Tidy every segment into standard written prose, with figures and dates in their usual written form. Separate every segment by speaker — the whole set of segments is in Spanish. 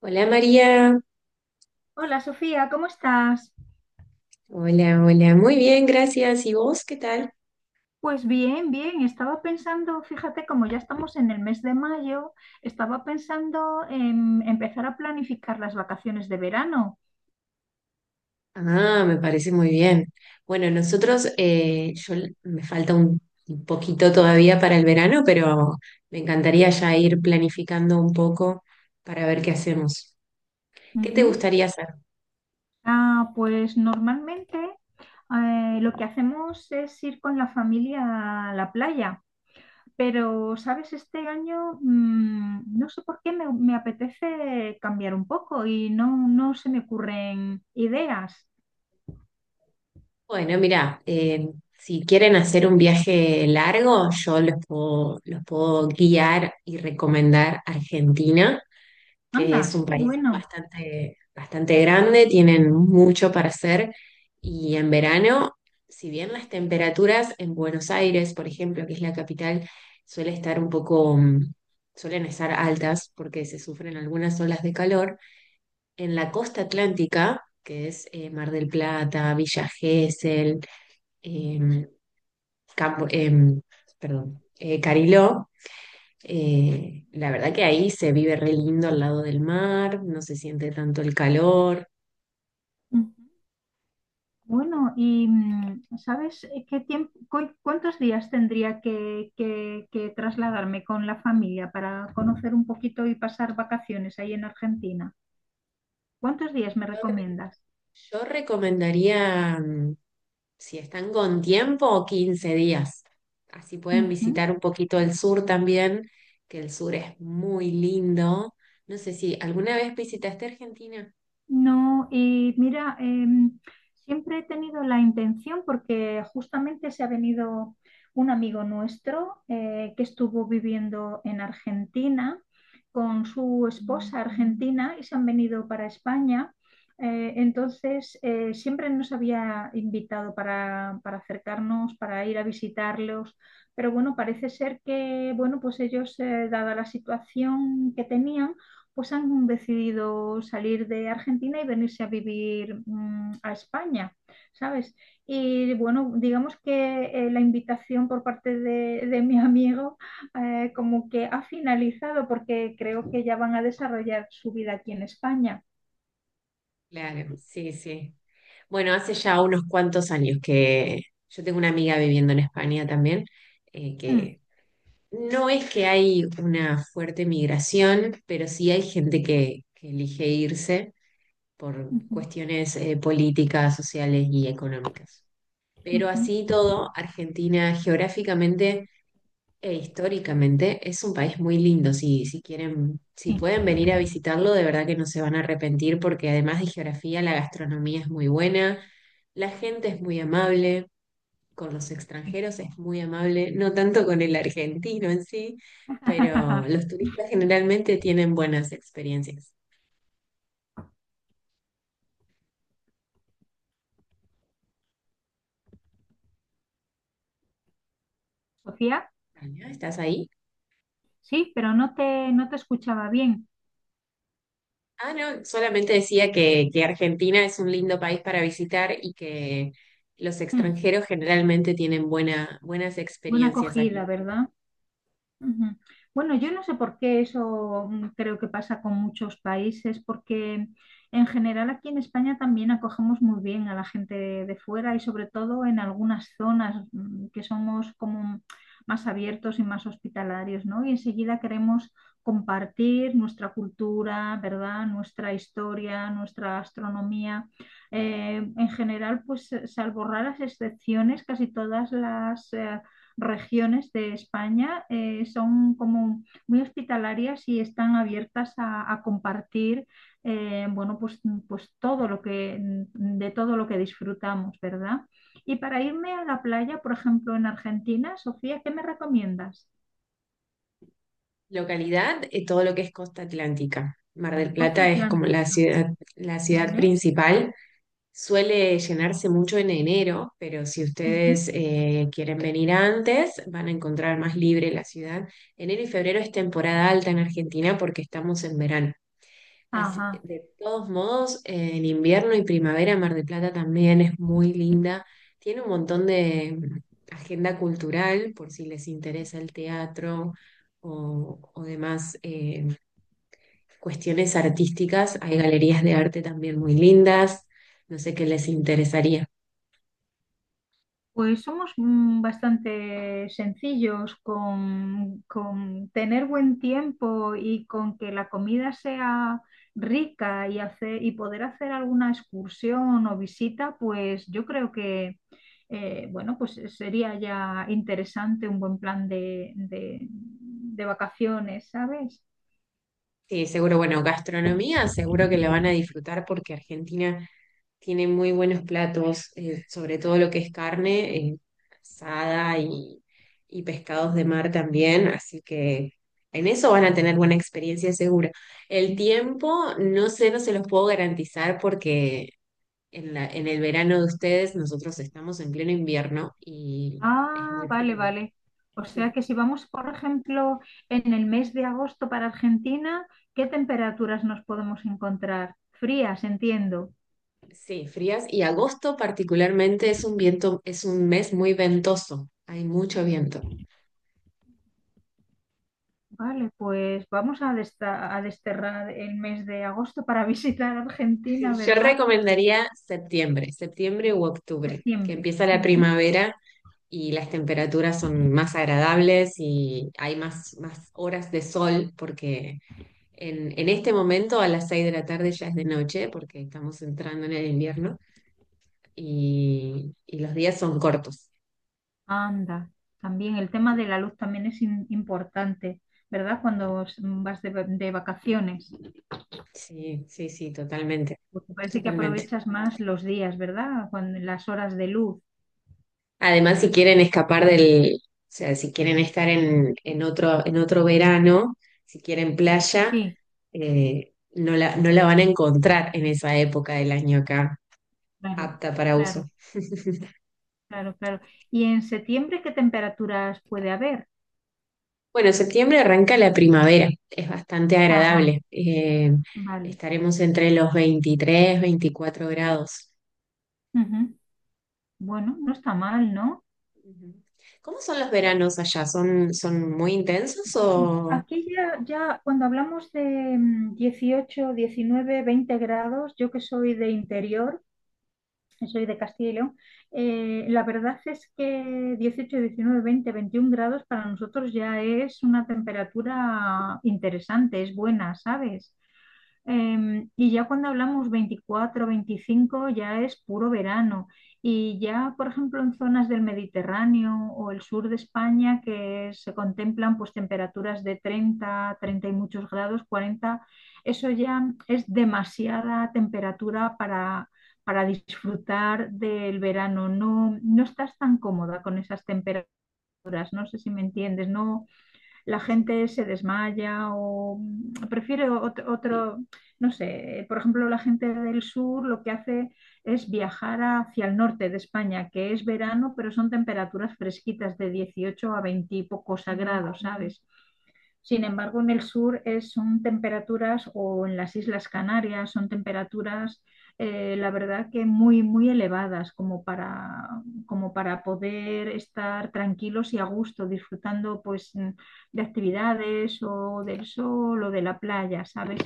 Speaker 1: Hola María,
Speaker 2: Hola Sofía, ¿cómo estás?
Speaker 1: hola, hola, muy bien, gracias. ¿Y vos qué tal?
Speaker 2: Pues bien, bien, estaba pensando, fíjate, como ya estamos en el mes de mayo, estaba pensando en empezar a planificar las vacaciones de verano.
Speaker 1: Ah, me parece muy bien. Bueno, nosotros, yo me falta un poquito todavía para el verano, pero me encantaría ya ir planificando un poco para ver qué hacemos. ¿Qué te
Speaker 2: Ujú.
Speaker 1: gustaría hacer?
Speaker 2: Ah, pues normalmente lo que hacemos es ir con la familia a la playa, pero, ¿sabes? Este año no sé por qué me apetece cambiar un poco y no, no se me ocurren ideas.
Speaker 1: Bueno, mira, si quieren hacer un viaje largo, yo los puedo guiar y recomendar Argentina, que es
Speaker 2: Anda,
Speaker 1: un
Speaker 2: qué
Speaker 1: país
Speaker 2: bueno.
Speaker 1: bastante grande, tienen mucho para hacer y en verano, si bien las temperaturas en Buenos Aires, por ejemplo, que es la capital, suele estar un poco, mm, suelen estar altas porque se sufren algunas olas de calor, en la costa atlántica, que es Mar del Plata, Villa Gesell, em, Campo- em, Cariló, la verdad que ahí se vive re lindo al lado del mar, no se siente tanto el calor.
Speaker 2: Bueno, y ¿sabes qué tiempo, cuántos días tendría que trasladarme con la familia para conocer un poquito y pasar vacaciones ahí en Argentina? ¿Cuántos días
Speaker 1: Yo,
Speaker 2: me
Speaker 1: re-
Speaker 2: recomiendas?
Speaker 1: yo recomendaría, mm, si están con tiempo, 15 días. Así pueden
Speaker 2: Ujú.
Speaker 1: visitar un poquito el sur también, que el sur es muy lindo. No sé si alguna vez visitaste Argentina.
Speaker 2: No, y mira, siempre he tenido la intención, porque justamente se ha venido un amigo nuestro que estuvo viviendo en Argentina con su esposa argentina y se han venido para España. Entonces, siempre nos había invitado para, acercarnos, para ir a visitarlos, pero bueno, parece ser que, bueno, pues ellos, dada la situación que tenían, pues han decidido salir de Argentina y venirse a vivir a España, ¿sabes? Y bueno, digamos que la invitación por parte de mi amigo como que ha finalizado porque creo que ya van a desarrollar su vida aquí en España.
Speaker 1: Claro, sí, sí. Bueno, hace ya unos cuantos años que yo tengo una amiga viviendo en España también,
Speaker 2: Mm,
Speaker 1: que no es que hay una fuerte migración, pero sí hay gente que elige irse por
Speaker 2: ujú,
Speaker 1: cuestiones políticas, sociales y económicas. Pero así y
Speaker 2: ujú,
Speaker 1: todo, Argentina geográficamente e históricamente es un país muy lindo. Si quieren, si
Speaker 2: sí,
Speaker 1: pueden venir a visitarlo, de verdad que no se van a arrepentir porque además de geografía, la gastronomía es muy buena, la gente es muy amable, con los
Speaker 2: sí.
Speaker 1: extranjeros es muy amable, no tanto con el argentino en sí, pero los turistas generalmente tienen buenas experiencias.
Speaker 2: Sofía,
Speaker 1: Tania, ¿estás ahí?
Speaker 2: sí, pero no te escuchaba bien.
Speaker 1: Ah, no, solamente decía que Argentina es un lindo país para visitar y que los
Speaker 2: Mm,
Speaker 1: extranjeros generalmente tienen buenas
Speaker 2: Buena
Speaker 1: experiencias aquí.
Speaker 2: acogida, ¿verdad? Ujú. Bueno, yo no sé por qué eso, creo que pasa con muchos países, porque en general aquí en España también acogemos muy bien a la gente de fuera y sobre todo en algunas zonas, que somos como más abiertos y más hospitalarios, ¿no? Y enseguida queremos compartir nuestra cultura, ¿verdad? Nuestra historia, nuestra gastronomía. En general, pues salvo raras excepciones, casi todas las regiones de España son como muy hospitalarias y están abiertas a compartir, bueno, pues, pues todo lo que, de todo lo que disfrutamos, ¿verdad? Y para irme a la playa, por ejemplo, en Argentina, Sofía, ¿qué me recomiendas?
Speaker 1: Localidad, todo lo que es costa atlántica. Mar del
Speaker 2: Costa
Speaker 1: Plata es como
Speaker 2: Atlántica,
Speaker 1: la ciudad
Speaker 2: ¿vale?
Speaker 1: principal. Suele llenarse mucho en enero, pero si
Speaker 2: Ujú.
Speaker 1: ustedes quieren venir antes, van a encontrar más libre la ciudad. Enero y febrero es temporada alta en Argentina porque estamos en verano.
Speaker 2: Ajá.
Speaker 1: De todos modos, en invierno y primavera Mar del Plata también es muy linda. Tiene un montón de mm, agenda cultural por si les interesa el teatro o demás cuestiones artísticas. Hay galerías de arte también muy lindas. No sé qué les interesaría.
Speaker 2: Pues somos, bastante sencillos con tener buen tiempo y con que la comida sea rica y poder hacer alguna excursión o visita, pues yo creo que bueno, pues sería ya interesante un buen plan de vacaciones, ¿sabes?
Speaker 1: Sí, seguro, bueno, gastronomía seguro que la van a disfrutar porque Argentina tiene muy buenos platos, sobre todo lo que es carne, asada y pescados de mar también, así que en eso van a tener buena experiencia segura. El tiempo, no sé, no se los puedo garantizar porque en el verano de ustedes nosotros estamos en pleno invierno y es
Speaker 2: Ah,
Speaker 1: muy
Speaker 2: vale,
Speaker 1: frío.
Speaker 2: vale. O sea que si vamos, por ejemplo, en el mes de agosto para Argentina, ¿qué temperaturas nos podemos encontrar? Frías, entiendo.
Speaker 1: Sí, frías, y agosto particularmente es es un mes muy ventoso, hay mucho viento.
Speaker 2: Vale, pues vamos a desterrar el mes de agosto para visitar Argentina,
Speaker 1: Yo
Speaker 2: ¿verdad?
Speaker 1: recomendaría septiembre, septiembre u octubre, que
Speaker 2: Septiembre.
Speaker 1: empieza la
Speaker 2: Ujú.
Speaker 1: primavera y las temperaturas son más agradables y hay más horas de sol porque en este momento a las 6 de la tarde ya es de noche porque estamos entrando en el invierno y los días son cortos.
Speaker 2: Anda, también el tema de la luz también es importante, ¿verdad? Cuando vas de vacaciones,
Speaker 1: Sí, sí, sí, totalmente,
Speaker 2: porque parece que
Speaker 1: totalmente.
Speaker 2: aprovechas más los días, ¿verdad? Cuando, las horas de luz.
Speaker 1: Además, si quieren escapar del, o sea, si quieren estar en otro verano, si quieren playa,
Speaker 2: Sí.
Speaker 1: no la van a encontrar en esa época del año acá,
Speaker 2: Claro,
Speaker 1: apta para
Speaker 2: claro,
Speaker 1: uso.
Speaker 2: claro, claro. ¿Y en septiembre qué temperaturas puede haber?
Speaker 1: Bueno, septiembre arranca la primavera, es bastante
Speaker 2: Ajá,
Speaker 1: agradable. Eh,
Speaker 2: vale.
Speaker 1: estaremos entre los 23, 24 grados.
Speaker 2: Ujú. Bueno, no está mal, ¿no?
Speaker 1: Ujú. ¿Cómo son los veranos allá? ¿Son, son muy intensos o...?
Speaker 2: Aquí ya cuando hablamos de, 18, 19, 20 grados, yo que soy de interior, que soy de Castilla y León, la verdad es que 18, 19, 20, 21 grados para nosotros ya es una temperatura interesante, es buena, ¿sabes? Y ya cuando hablamos 24, 25, ya es puro verano. Y ya, por ejemplo, en zonas del Mediterráneo o el sur de España, que se contemplan pues temperaturas de 30, 30 y muchos grados, 40, eso ya es demasiada temperatura para, disfrutar del verano. No, no estás tan cómoda con esas temperaturas, no sé si me entiendes, no, la
Speaker 1: Sí,
Speaker 2: gente se desmaya o, prefiere otro, no sé, por ejemplo, la gente del sur lo que hace es viajar hacia el norte de España, que es verano, pero son temperaturas fresquitas de 18 a 20 y pocos grados, ¿sabes? Sin embargo, en el sur son temperaturas, o en las Islas Canarias, son temperaturas, la verdad que muy, muy elevadas, como para poder estar tranquilos y a gusto, disfrutando pues, de actividades o del sol o de la playa, ¿sabes?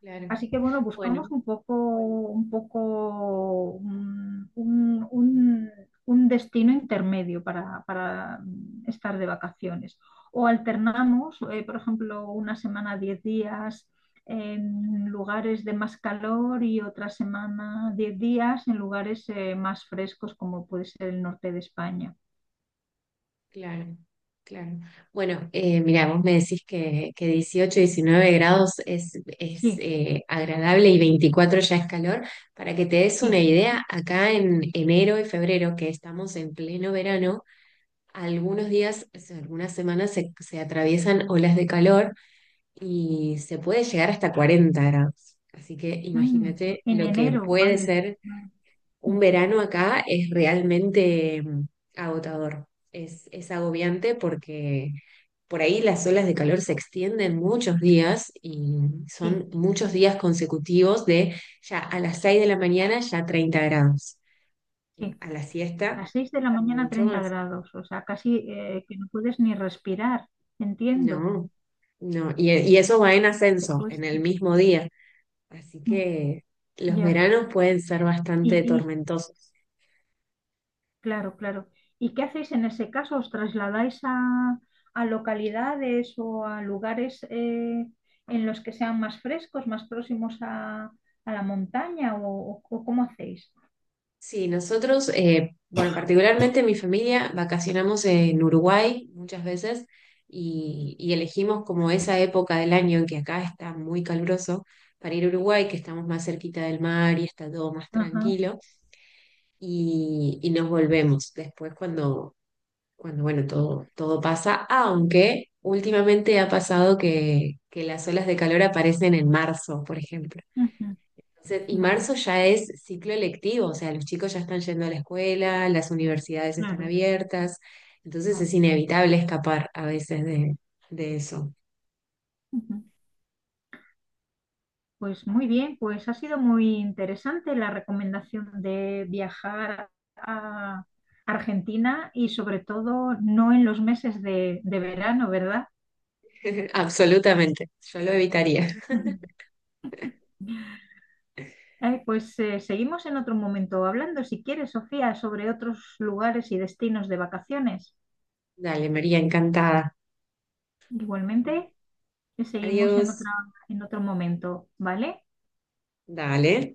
Speaker 1: claro.
Speaker 2: Así que bueno, buscamos
Speaker 1: Bueno.
Speaker 2: un poco, un poco un, un- un- un destino intermedio para, estar de vacaciones. O alternamos, por ejemplo, una semana, 10 días en lugares de más calor y otra semana, 10 días en lugares, más frescos, como puede ser el norte de España.
Speaker 1: Claro, claro. Bueno, mira, vos me decís que 18, 19 grados es
Speaker 2: Sí,
Speaker 1: agradable y 24 ya es calor. Para que te des una
Speaker 2: sí.
Speaker 1: idea, acá en enero y febrero, que estamos en pleno verano, algunos días, o sea, algunas semanas se atraviesan olas de calor y se puede llegar hasta 40 grados. Así que
Speaker 2: Mm,
Speaker 1: imagínate
Speaker 2: en
Speaker 1: lo que
Speaker 2: enero,
Speaker 1: puede
Speaker 2: madre.
Speaker 1: ser un
Speaker 2: Mm,
Speaker 1: verano acá, es realmente mm, agotador, es agobiante porque por ahí las olas de calor se extienden muchos días y
Speaker 2: sí,
Speaker 1: son muchos días consecutivos de ya a las 6 de la mañana ya 30 grados,
Speaker 2: sí.
Speaker 1: a la
Speaker 2: A
Speaker 1: siesta
Speaker 2: las 6 de la mañana
Speaker 1: mucho
Speaker 2: 30
Speaker 1: más.
Speaker 2: grados, o sea, casi que no puedes ni respirar, entiendo,
Speaker 1: No, no, y eso va en
Speaker 2: te
Speaker 1: ascenso en el
Speaker 2: cuesta.
Speaker 1: mismo día, así
Speaker 2: Mm,
Speaker 1: que los
Speaker 2: ya,
Speaker 1: veranos pueden ser
Speaker 2: y,
Speaker 1: bastante
Speaker 2: y,
Speaker 1: tormentosos.
Speaker 2: claro, claro. ¿Y qué hacéis en ese caso? ¿Os trasladáis a localidades o a lugares, en los que sean más frescos, más próximos a la montaña o cómo hacéis?
Speaker 1: Sí, nosotros, bueno, particularmente mi familia, vacacionamos en Uruguay muchas veces y elegimos como esa época del año en que acá está muy caluroso para ir a Uruguay, que estamos más cerquita del mar y está todo más
Speaker 2: Ajá,
Speaker 1: tranquilo y nos volvemos después cuando, cuando bueno, todo, todo pasa, aunque últimamente ha pasado que las olas de calor aparecen en marzo, por ejemplo.
Speaker 2: ujú,
Speaker 1: Y
Speaker 2: vale,
Speaker 1: marzo ya es ciclo electivo, o sea, los chicos ya están yendo a la escuela, las universidades están
Speaker 2: claro,
Speaker 1: abiertas, entonces es
Speaker 2: claro.
Speaker 1: inevitable escapar a veces de eso.
Speaker 2: Pues muy bien, pues ha sido muy interesante la recomendación de viajar a Argentina y sobre todo no en los meses de verano, ¿verdad?
Speaker 1: Absolutamente, yo lo evitaría.
Speaker 2: Pues seguimos en otro momento hablando, si quieres, Sofía, sobre otros lugares y destinos de vacaciones.
Speaker 1: Dale, María, encantada.
Speaker 2: Igualmente, seguimos
Speaker 1: Adiós.
Speaker 2: en otro momento, ¿vale?
Speaker 1: Dale.